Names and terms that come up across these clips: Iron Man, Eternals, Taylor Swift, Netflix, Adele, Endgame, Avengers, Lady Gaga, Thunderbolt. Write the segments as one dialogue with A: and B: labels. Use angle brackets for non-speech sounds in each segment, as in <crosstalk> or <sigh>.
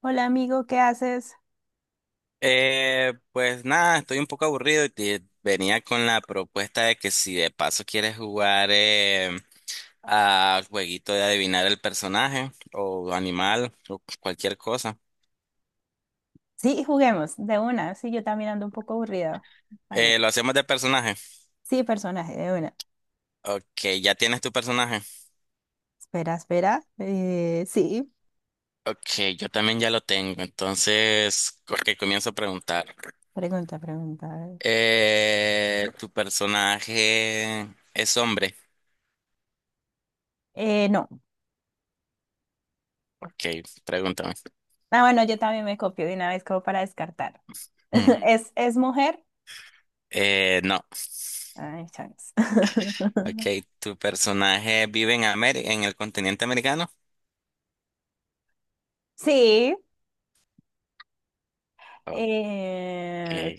A: Hola amigo, ¿qué haces?
B: Pues nada, estoy un poco aburrido y te venía con la propuesta de que si de paso quieres jugar a jueguito de adivinar el personaje o animal o cualquier cosa.
A: Sí, juguemos, de una. Sí, yo también ando un poco aburrida. Vale.
B: Lo hacemos de personaje.
A: Sí, personaje, de una.
B: Ok, ya tienes tu personaje.
A: Espera, espera. Sí,
B: Ok, yo también ya lo tengo. Entonces, ok, comienzo a preguntar.
A: pregunta, pregunta. A ver.
B: ¿Tu personaje es hombre?
A: No.
B: Ok, pregúntame.
A: Ah, bueno, yo también me copio de una vez como para descartar.
B: Mm.
A: <laughs> ¿Es mujer?
B: No.
A: Ay, chance. <laughs>
B: Ok, ¿tu personaje vive en en el continente americano?
A: Sí.
B: Ok,
A: Eh,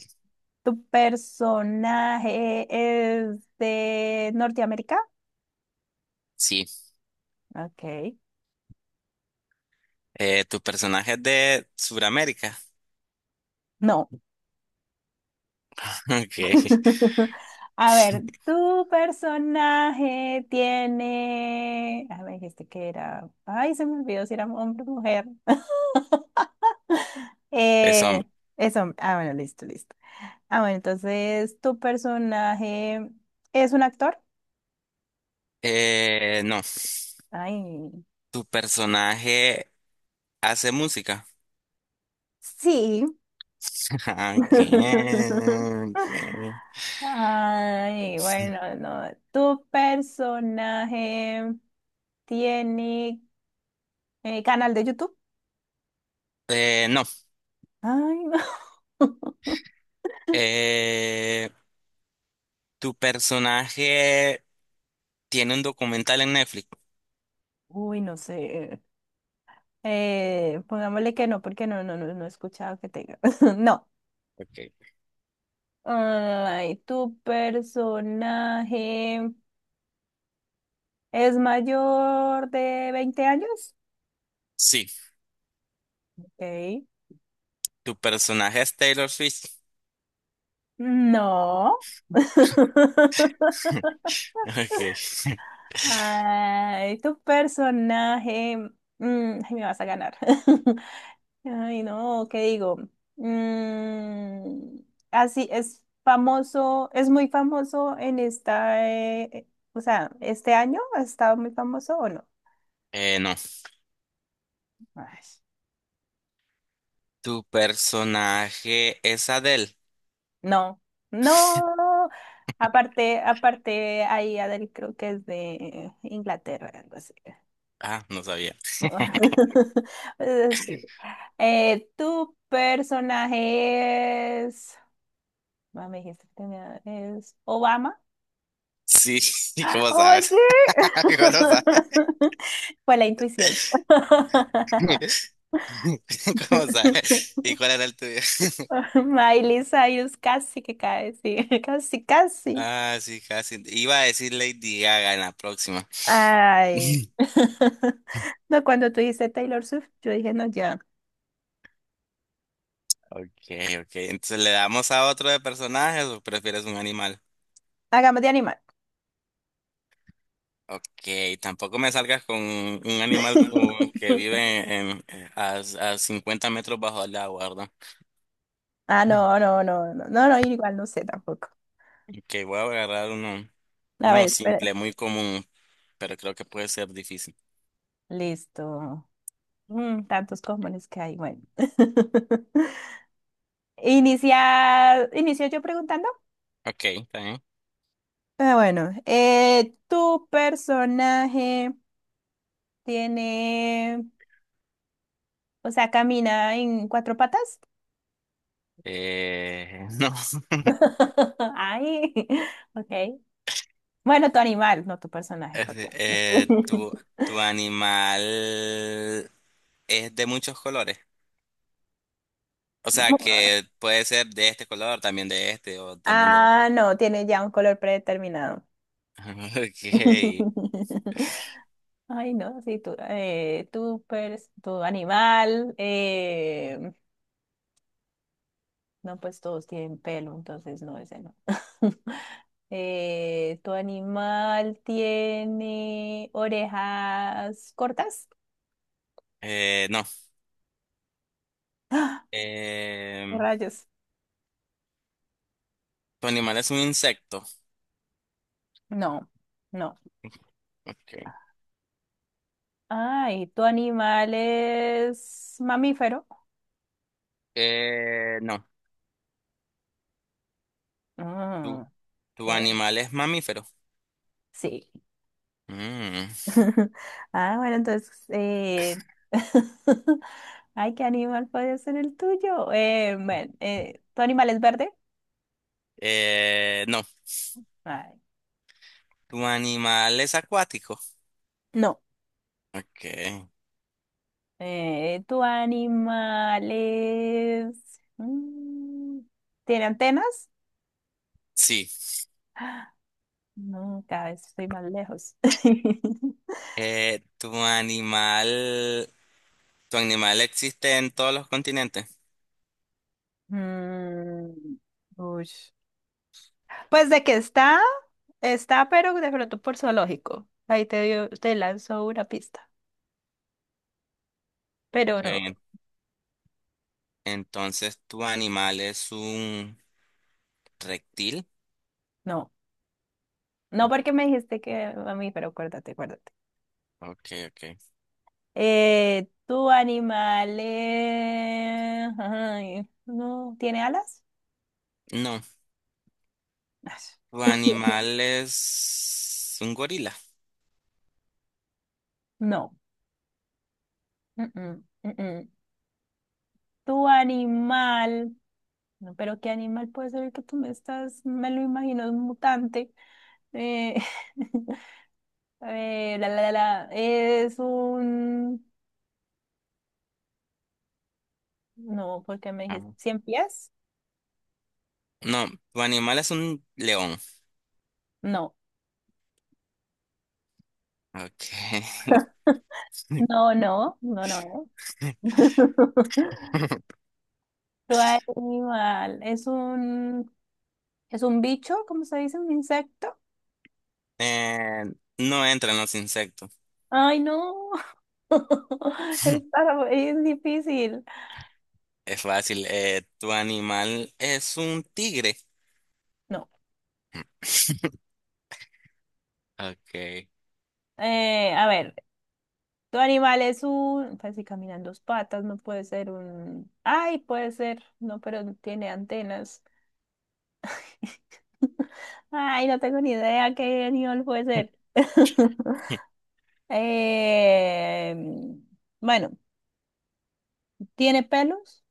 A: ¿Tu personaje es de Norteamérica?
B: sí.
A: Ok.
B: ¿Tu personaje es de Sudamérica?
A: No.
B: <laughs> Ok,
A: <laughs> A ver, tu personaje tiene. A ver, este que era. Ay, se me olvidó si era hombre o mujer.
B: es
A: Eh,
B: hombre.
A: es hombre. Ah, bueno, listo, listo. Ah, bueno, entonces, ¿tu personaje es un actor?
B: No,
A: Ay,
B: ¿tu personaje hace música?
A: sí.
B: <laughs> Ok,
A: <laughs>
B: ok.
A: Ay, bueno, no. ¿Tu personaje tiene canal de YouTube?
B: No.
A: Ay, no. <laughs>
B: Eh, ¿Tu personaje tiene un documental en Netflix?
A: Uy, no sé. Pongámosle que no, porque no, no, no, no he escuchado que tenga. <laughs> No.
B: Ok.
A: Ay, ¿tu personaje es mayor de 20 años?
B: Sí.
A: Ok.
B: ¿Tu personaje es Taylor Swift?
A: No. <laughs>
B: <laughs> Ok.
A: Ay, tu personaje. Ay, me vas a ganar. <laughs> Ay, no, ¿qué digo? Mm, así es famoso, es muy famoso en esta, o sea, ¿este año ha estado muy famoso o no?
B: No.
A: Ay,
B: ¿Tu personaje es Adele?
A: no, no. Aparte, aparte, ahí Adele creo que es de Inglaterra, algo así.
B: Ah, no sabía.
A: <laughs> Sí. Tu personaje es, ah, me dijiste que tenía- es Obama.
B: Sí, <laughs> ¿y cómo
A: Oye,
B: sabes? <laughs> ¿Cómo no sabes?
A: <laughs> fue la intuición. <laughs>
B: <laughs> ¿Cómo sabes? ¿Y cuál era el tuyo? <laughs>
A: Miley Cyrus casi que cae, sí, <laughs> casi, casi.
B: Ah, sí, casi. Iba a decir Lady Gaga en la próxima.
A: Ay,
B: <laughs>
A: <laughs> no, cuando tú dices Taylor Swift, yo dije, no, ya,
B: Okay, okay. Entonces, ¿le damos a otro de personajes o prefieres un animal?
A: hagamos de animal.
B: Okay, tampoco me salgas con un animal que
A: <laughs>
B: vive en, a, a 50 metros bajo el agua, ¿verdad?
A: Ah, no, no, no, no, no, no, igual no sé tampoco.
B: Que voy a agarrar uno,
A: A
B: uno
A: ver, espera.
B: simple, muy común, pero creo que puede ser difícil.
A: Listo. Mm, tantos comunes que hay, bueno. <laughs> Inicia, inicio yo preguntando.
B: Ok, está bien.
A: Ah, bueno, tu personaje tiene, o sea, camina en cuatro patas.
B: <laughs> No. <laughs>
A: <laughs> Ay, <laughs> ok. Bueno, tu animal, no tu personaje,
B: Es de-
A: perdón.
B: eh, tu,
A: <laughs>
B: tu animal es de muchos colores. O sea, que puede ser de este color, también de este, o también de la...
A: Ah, no, tiene ya un color predeterminado.
B: <laughs> Ok.
A: <laughs> Ay, no, sí, tu animal, no, pues todos tienen pelo, entonces no, ese no. <laughs> Tu animal tiene orejas cortas?
B: No.
A: ¿O
B: Eh,
A: Rayos.
B: tu animal es un insecto.
A: No, no.
B: Ok.
A: Ay, ¿tu animal es mamífero?
B: No.
A: Mm,
B: Tu,
A: ok,
B: tu animal es mamífero.
A: sí.
B: Mm.
A: <laughs> Ah, bueno, entonces, <laughs> ay, ¿qué animal puede ser el tuyo? Bueno, ¿tu animal es verde?
B: No.
A: Ay,
B: ¿Tu animal es acuático?
A: no.
B: Ok.
A: ¿Tu animal es... mm, ¿tiene antenas?
B: Sí.
A: No, cada vez estoy más lejos. <laughs>
B: ¿Tu animal, tu animal existe en todos los continentes?
A: Mm, uy. Pues de que está, está, pero de pronto por zoológico. Ahí te dio, te lanzó una pista. Pero no,
B: Ok. Entonces, ¿tu animal es un reptil?
A: no. No porque me dijiste que a mí, pero acuérdate, acuérdate.
B: Ok, ok.
A: Tu animal ay, ¿no tiene alas?
B: No.
A: Ay,
B: ¿Tu animal es un gorila?
A: no. Mm, mm, mm, mm. Tu animal. No, pero ¿qué animal puede ser el que tú me estás? Me lo imagino, es un mutante. Eh, <laughs> es un... No, porque me dijiste,
B: Ah.
A: ¿cien pies?
B: No, tu animal es un león.
A: No,
B: Ok.
A: <laughs> no, no, no, no. no.
B: <laughs>
A: <laughs> Tu animal, es un... ¿Es un bicho? ¿Cómo se dice? ¿Un insecto?
B: Eh, no entran los insectos.
A: Ay, no. <laughs> Está- Es difícil.
B: Es fácil. ¿Tu animal es un tigre?
A: No.
B: <laughs> Ok.
A: A ver. Tu animal es un, pues si camina dos patas, no puede ser un, ay, puede ser, no, pero tiene antenas. <laughs> Ay, no tengo ni idea qué animal puede ser. <laughs> Eh, bueno, ¿tiene pelos?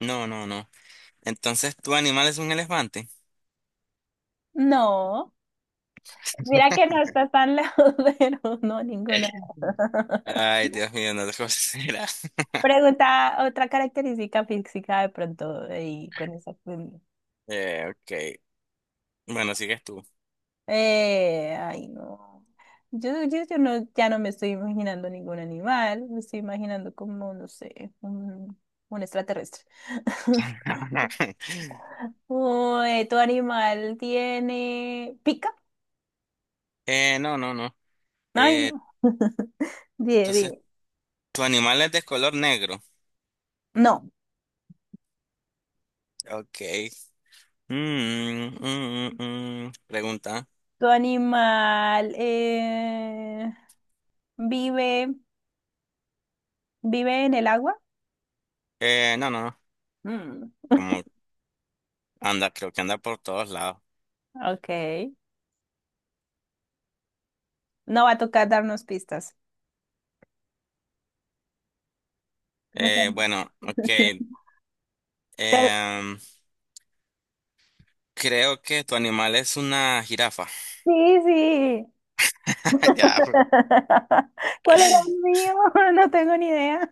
B: No, no, no. Entonces, ¿tu animal es un elefante?
A: No. Mira que no está tan lejos, <laughs> pero no, ninguna.
B: <laughs>
A: <laughs>
B: Ay, Dios mío, no te considera. <laughs>
A: Pregunta otra característica física de pronto y con esa. Pues,
B: Ok. Bueno, sigues tú.
A: Ay, no. Yo no, ya no me estoy imaginando ningún animal, me estoy imaginando como, no sé, un extraterrestre. <laughs>
B: <laughs>
A: Uy, ¿tu animal tiene pica?
B: No, no, no.
A: Ay,
B: Eh,
A: no. Dime,
B: entonces,
A: dime.
B: ¿tu animal es de color negro?
A: No.
B: Ok. Mm, mm, mm, mm. Pregunta.
A: ¿Tu animal vive, vive en el agua?
B: No, no, no.
A: Mm,
B: Como anda, creo que anda por todos lados.
A: ok. No va a tocar darnos pistas. Me
B: Eh,
A: quedo-
B: bueno, ok.
A: <laughs> Te-
B: Em, creo que tu animal es una jirafa.
A: Sí, sí.
B: <laughs> Ya.
A: <laughs> ¿Cuál era el mío? <laughs> No tengo ni idea.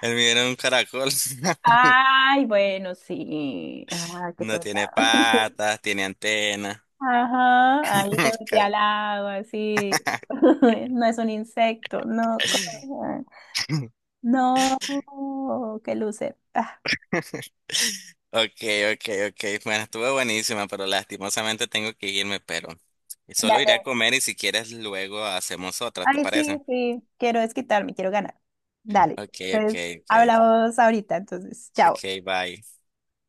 B: El mío era un caracol. <laughs>
A: Ay, bueno, sí. Ah, qué
B: No
A: tonta.
B: tiene
A: <laughs>
B: patas, tiene antena.
A: Ajá, ahí te
B: <laughs>
A: metí
B: Ca-
A: al agua, así. <laughs> No es un insecto, no. co-
B: <laughs>
A: ah, no, qué loser. Ah,
B: Okay, okay, okay. Bueno, estuvo buenísima, pero lastimosamente tengo que irme, pero solo iré a
A: dale.
B: comer y si quieres luego hacemos otra, ¿te
A: Ay, sí,
B: parece?
A: sí. Quiero desquitarme, quiero ganar. Dale.
B: Okay,
A: Entonces,
B: okay, okay.
A: hablamos ahorita, entonces, chao.
B: Okay, bye.